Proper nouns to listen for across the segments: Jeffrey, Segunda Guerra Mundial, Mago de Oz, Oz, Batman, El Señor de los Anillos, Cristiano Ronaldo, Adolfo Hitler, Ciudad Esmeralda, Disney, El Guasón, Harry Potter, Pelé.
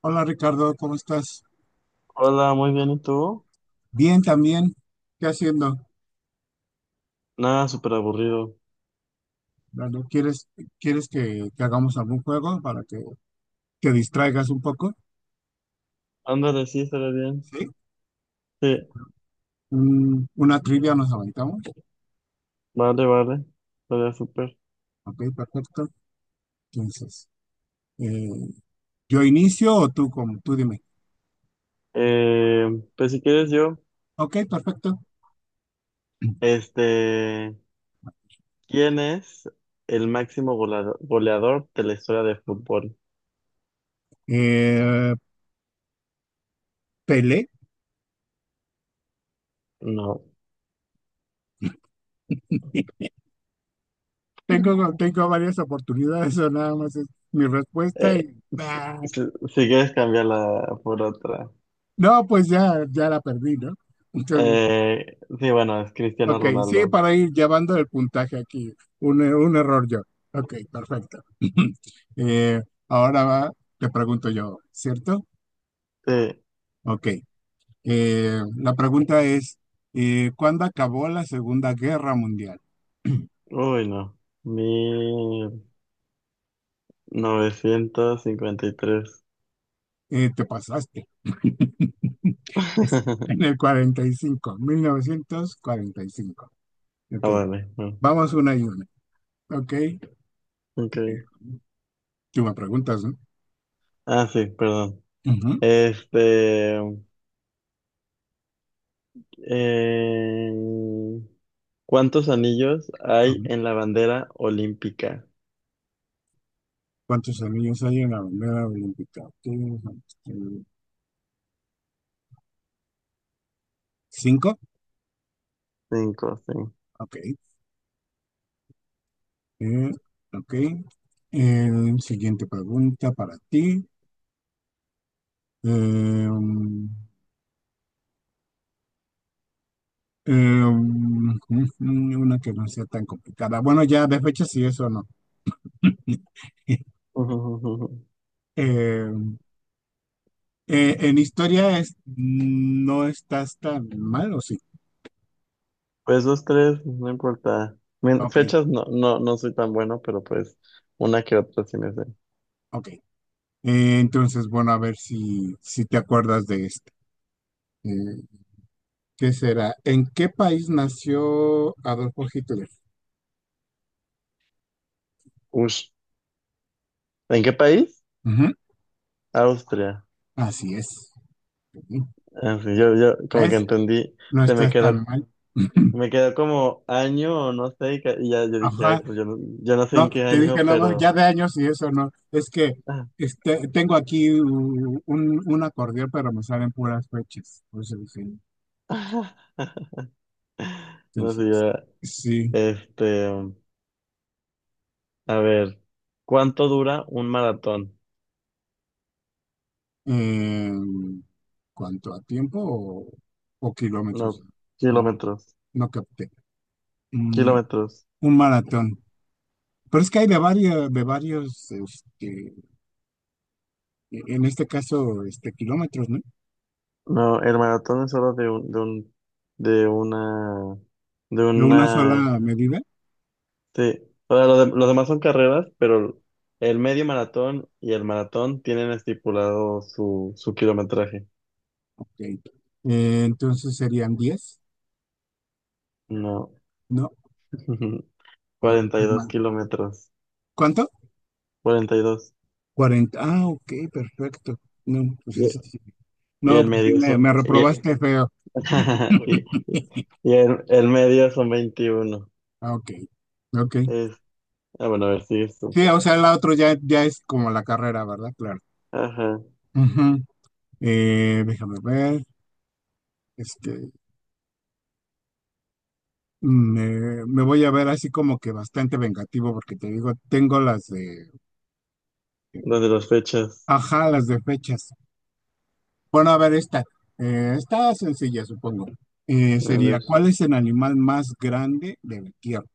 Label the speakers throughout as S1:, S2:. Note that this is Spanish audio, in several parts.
S1: Hola Ricardo, ¿cómo estás?
S2: Hola, muy bien, ¿y tú?
S1: Bien también. ¿Qué haciendo?
S2: Nada, súper aburrido.
S1: Bueno, ¿quieres que hagamos algún juego para que te distraigas un poco?
S2: Ándale, sí, estaría bien.
S1: ¿Sí?
S2: Sí,
S1: Una trivia nos aventamos.
S2: vale, vale. Estaría súper.
S1: Ok, perfecto. Entonces, eh, ¿yo inicio o tú, como, tú dime?
S2: Eh, pues si quieres yo,
S1: Ok, perfecto.
S2: este, ¿quién es el máximo goleador de la historia de fútbol?
S1: Eh, Pelé.
S2: No.
S1: Tengo varias oportunidades o nada más es mi respuesta y...
S2: eh, s-
S1: ah,
S2: si quieres, cambiarla por otra.
S1: no, pues ya, ya la perdí, ¿no? Entonces...
S2: Sí, bueno, es Cristiano
S1: Ok, sí,
S2: Ronaldo.
S1: para ir llevando el puntaje aquí. Un error yo. Ok, perfecto. Eh, ahora va- te pregunto yo, ¿cierto?
S2: Sí.
S1: Ok. La pregunta es, ¿cuándo acabó la Segunda Guerra Mundial?
S2: Uy, no. Mil novecientos cincuenta y tres.
S1: Te pasaste, en el cuarenta y cinco, 1945. Ok,
S2: Ah, vale. No.
S1: vamos una y una. Ok,
S2: Ok.
S1: tú me preguntas, ¿no?
S2: Ah, sí, perdón.
S1: Ujú,
S2: Este, em, ¿Cuántos anillos hay
S1: ujú.
S2: en la bandera olímpica?
S1: ¿Cuántos anillos hay en la bandera olímpica? Ok, ujú. ¿Cinco?
S2: Cinco, sí.
S1: Ok. Eh, ok. Siguiente pregunta para ti. Eh, Em, em, una que no sea tan complicada. Bueno, ya de fecha sí, eso no. Em, en historia es, no estás tan mal, ¿o sí?
S2: Pues dos tres, no importa.
S1: Ok,
S2: Fechas no, no, no soy tan bueno, pero pues una que otra sí me sé.
S1: ok. Entonces, bueno, a ver si te acuerdas de este. Eh, ¿Qué será? ¿En qué país nació Adolfo Hitler?
S2: Ush. ¿En qué país?
S1: Ujú,
S2: Austria.
S1: así es. Ujú.
S2: Ah, sí, yo como que
S1: Es
S2: entendí,
S1: no
S2: se
S1: estás tan mal.
S2: me quedó como año o no sé, y ya yo dije, ay,
S1: Ajá,
S2: pues yo no, yo no sé
S1: no,
S2: en qué
S1: te dije,
S2: año,
S1: no, no,
S2: pero...
S1: ya de años y eso no. Es que
S2: ah.
S1: este, tengo aquí un acordeón, pero me salen puras fechas. Por eso dije,
S2: No
S1: entonces,
S2: sé, ya,
S1: sí.
S2: este, a ver, ¿cuánto dura un maratón?
S1: em, ¿cuánto a tiempo o kilómetros?
S2: No,
S1: No,
S2: kilómetros,
S1: no capté. Mm,
S2: kilómetros.
S1: un maratón. Pero es que hay de varios, este, en este caso, este, kilómetros, ¿no?
S2: No, el maratón es solo de una, de
S1: De una
S2: una,
S1: sola medida.
S2: sí. O sea, los demás son carreras, pero el medio maratón y el maratón tienen estipulado su, su kilometraje.
S1: Ok. Entonces serían 10.
S2: No,
S1: No, no,
S2: cuarenta y
S1: pues
S2: dos
S1: mal.
S2: kilómetros,
S1: ¿Cuánto?
S2: 42.
S1: 40. Ah, ok, perfecto. No, pues
S2: Y dos.
S1: eso sí.
S2: Y
S1: No,
S2: el
S1: pues sí,
S2: medio,
S1: me, me reprobaste feo.
S2: y el medio son veintiuno.
S1: Ah, ok, ok.
S2: Es, ah, bueno, a ver, si tú.
S1: Sí, o sea, la otra ya es como la carrera, ¿verdad? Claro.
S2: Ajá.
S1: Ujú. Déjame ver. Este, me voy a ver así como que bastante vengativo porque te digo, tengo las de,
S2: ¿Dónde? Las fechas.
S1: ajá, las de fechas. Bueno, a ver, esta, está sencilla, supongo.
S2: A
S1: Sería,
S2: ver,
S1: ¿cuál es el animal más grande de la Tierra?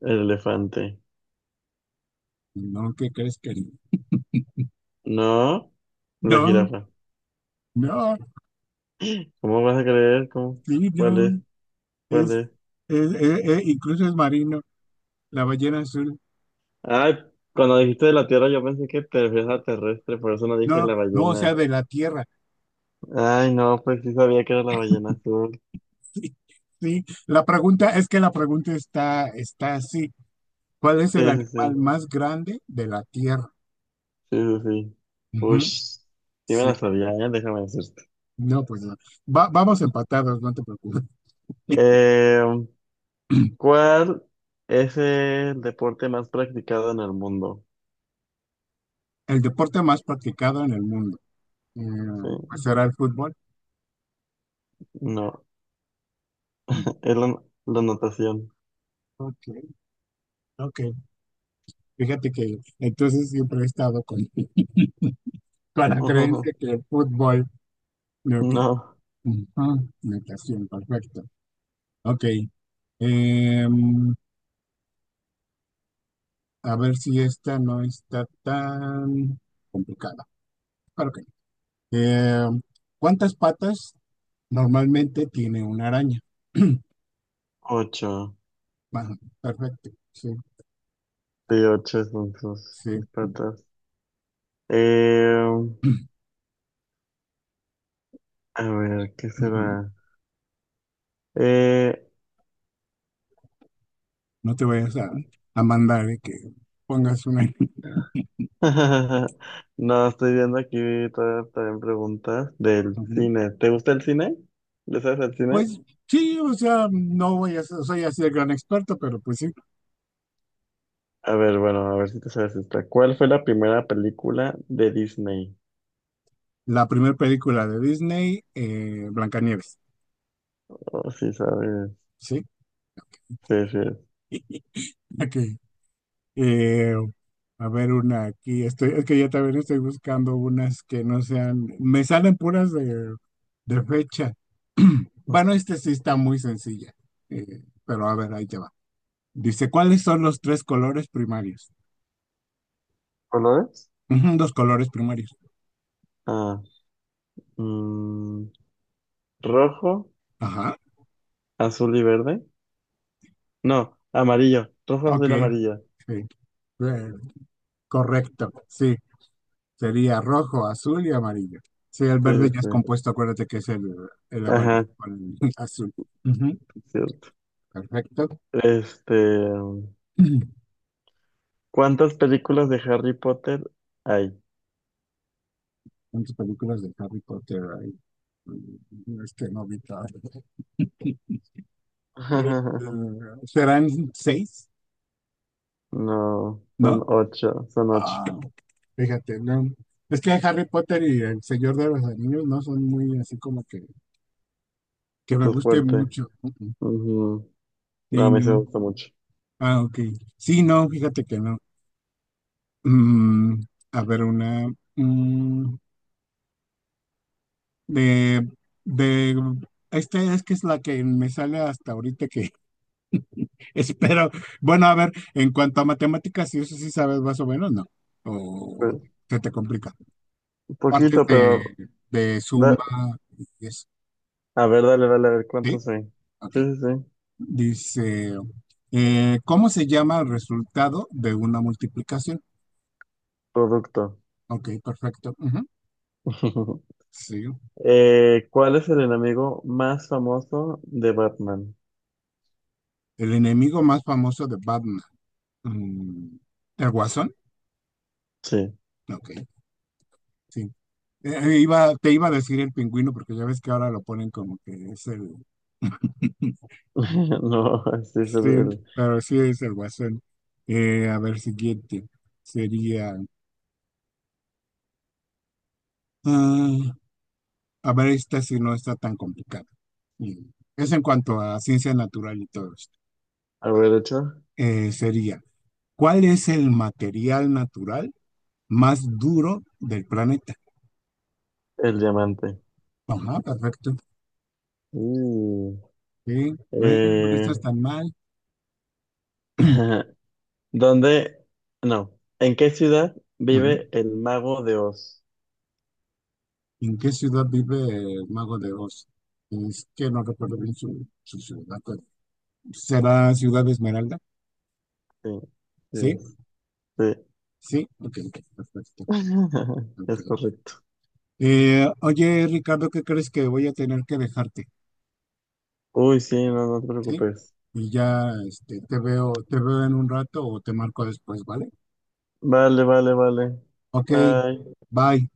S2: el elefante.
S1: No, ¿qué crees, querido?
S2: No, la
S1: No,
S2: jirafa.
S1: no,
S2: ¿Cómo vas a creer? ¿Cómo?
S1: sí,
S2: ¿Cuál
S1: no.
S2: es? ¿Cuál
S1: Es,
S2: es?
S1: incluso es marino, la ballena azul.
S2: Ay, cuando dijiste de la Tierra yo pensé que te refieres a terrestre, por eso no dije
S1: No,
S2: la
S1: no, o
S2: ballena.
S1: sea, de la Tierra.
S2: Ay, no, pues sí sabía que era la ballena azul.
S1: Sí, sí. Es que la pregunta está así. ¿Cuál es el
S2: Sí, sí,
S1: animal
S2: sí,
S1: más grande de la Tierra?
S2: sí, sí, sí.
S1: Ujú,
S2: Ush, sí me
S1: sí,
S2: la sabía, ¿eh? Déjame decirte.
S1: no, pues no. Vamos empatados, no te preocupes.
S2: Eh, ¿Cuál es el deporte más practicado en el mundo?
S1: El deporte más practicado en el mundo, eh,
S2: Sí,
S1: pues era el fútbol.
S2: no,
S1: Mm.
S2: es la natación.
S1: Ok, ok. Fíjate que entonces siempre he estado con, con la creencia que el fútbol, ok.
S2: No,
S1: Ujú, natación, perfecto. Ok. em, a ver si esta no está tan complicada. Claro que no. ¿Cuántas patas normalmente tiene una araña?
S2: ocho.
S1: Ajá, perfecto. Sí,
S2: Sí, ocho son sus,
S1: sí.
S2: sus patas. Eh, a ver, ¿qué
S1: Ujú.
S2: será? Eh,
S1: No te vayas a mandar de que pongas una.
S2: no, estoy viendo aquí todas también preguntas del
S1: Ujú.
S2: cine. ¿Te gusta el cine? ¿Le sabes al cine?
S1: Pues sí, o sea, no voy a ser, soy así de gran experto, pero pues sí,
S2: A ver, bueno, a ver si te sabes esta. ¿Cuál fue la primera película de Disney?
S1: la primera película de Disney, Blancanieves,
S2: Oh, sí, sabes.
S1: ¿sí?
S2: Sí, sí.
S1: Ok. Eh, a ver, una aquí, estoy, es que ya también estoy buscando unas que no sean, me salen puras de fecha. Bueno, este sí está muy sencilla, pero a ver, ahí te va. Dice, ¿cuáles son los tres colores primarios?
S2: ¿Colores?
S1: Ujú, los colores primarios.
S2: Ah, mm, rojo,
S1: Ajá.
S2: azul y verde. No, amarillo. Rojo,
S1: Ok,
S2: azul y amarillo.
S1: sí. Eh, correcto, sí. Sería rojo, azul y amarillo. Sí, el
S2: Sí,
S1: verde
S2: sí,
S1: ya
S2: sí.
S1: es compuesto, acuérdate que es el amarillo
S2: Ajá,
S1: con el azul. Ujú,
S2: es cierto.
S1: perfecto.
S2: Este, ¿cuántas películas de Harry Potter hay?
S1: ¿Cuántas películas de Harry Potter hay? Mm. Es que no vi todas. Eh, ¿serán seis?
S2: No, son
S1: ¿No?
S2: ocho, son ocho.
S1: Ah, fíjate, no. Es que Harry Potter y El Señor de los Anillos no son muy así como que me
S2: Tú
S1: gusten
S2: fuerte.
S1: mucho. Ujú.
S2: Ujú. No,
S1: Sí,
S2: a mí se me
S1: no.
S2: gusta mucho.
S1: Ah, ok. Sí, no, fíjate que no. Mm, a ver, una mm, de, de esta es que es la que me sale hasta ahorita que espero. Bueno, a ver, en cuanto a matemáticas, si eso sí sabes más o menos, ¿no? O
S2: Pues,
S1: se te complica.
S2: un
S1: Partes
S2: poquito,
S1: de,
S2: pero...
S1: de suma
S2: da-
S1: y eso.
S2: A ver, dale, dale, a ver
S1: Sí,
S2: cuántos hay.
S1: ok.
S2: Sí, sí, sí.
S1: Dice, ¿cómo se llama el resultado de una multiplicación?
S2: Producto.
S1: Ok, perfecto. Ujú, sí.
S2: ¿Cuál es el enemigo más famoso de Batman?
S1: El enemigo más famoso de Batman. Mm, ¿El Guasón?
S2: Sí.
S1: Ok, sí. Te iba a decir el pingüino porque ya ves que ahora lo ponen como que es el...
S2: No, este es
S1: Sí,
S2: el-
S1: pero sí es el Guasón. A ver, siguiente. Sería... ah, a ver, esta si no está tan complicada. Mm, Es en cuanto a ciencia natural y todo esto.
S2: a ver, de hecho,
S1: Sería, ¿cuál es el material natural más duro del planeta?
S2: el diamante.
S1: Ajá, perfecto.
S2: Uh,
S1: Sí, ve, no
S2: eh,
S1: estás tan mal.
S2: ¿dónde? No. ¿En qué ciudad
S1: Ujú.
S2: vive el mago de Oz?
S1: ¿En qué ciudad vive el Mago de Oz? Es que no recuerdo bien su ciudad. ¿Será Ciudad Esmeralda?
S2: Sí, sí,
S1: Sí,
S2: sí.
S1: sí, ok, ok, perfecto. Ok.
S2: Es correcto.
S1: Oye, Ricardo, ¿qué crees que voy a tener que dejarte?
S2: Uy, sí, no, no te
S1: Sí,
S2: preocupes.
S1: y ya este, te veo en un rato o te marco después, ¿vale?
S2: Vale, vale, vale.
S1: Ok,
S2: Bye.
S1: bye.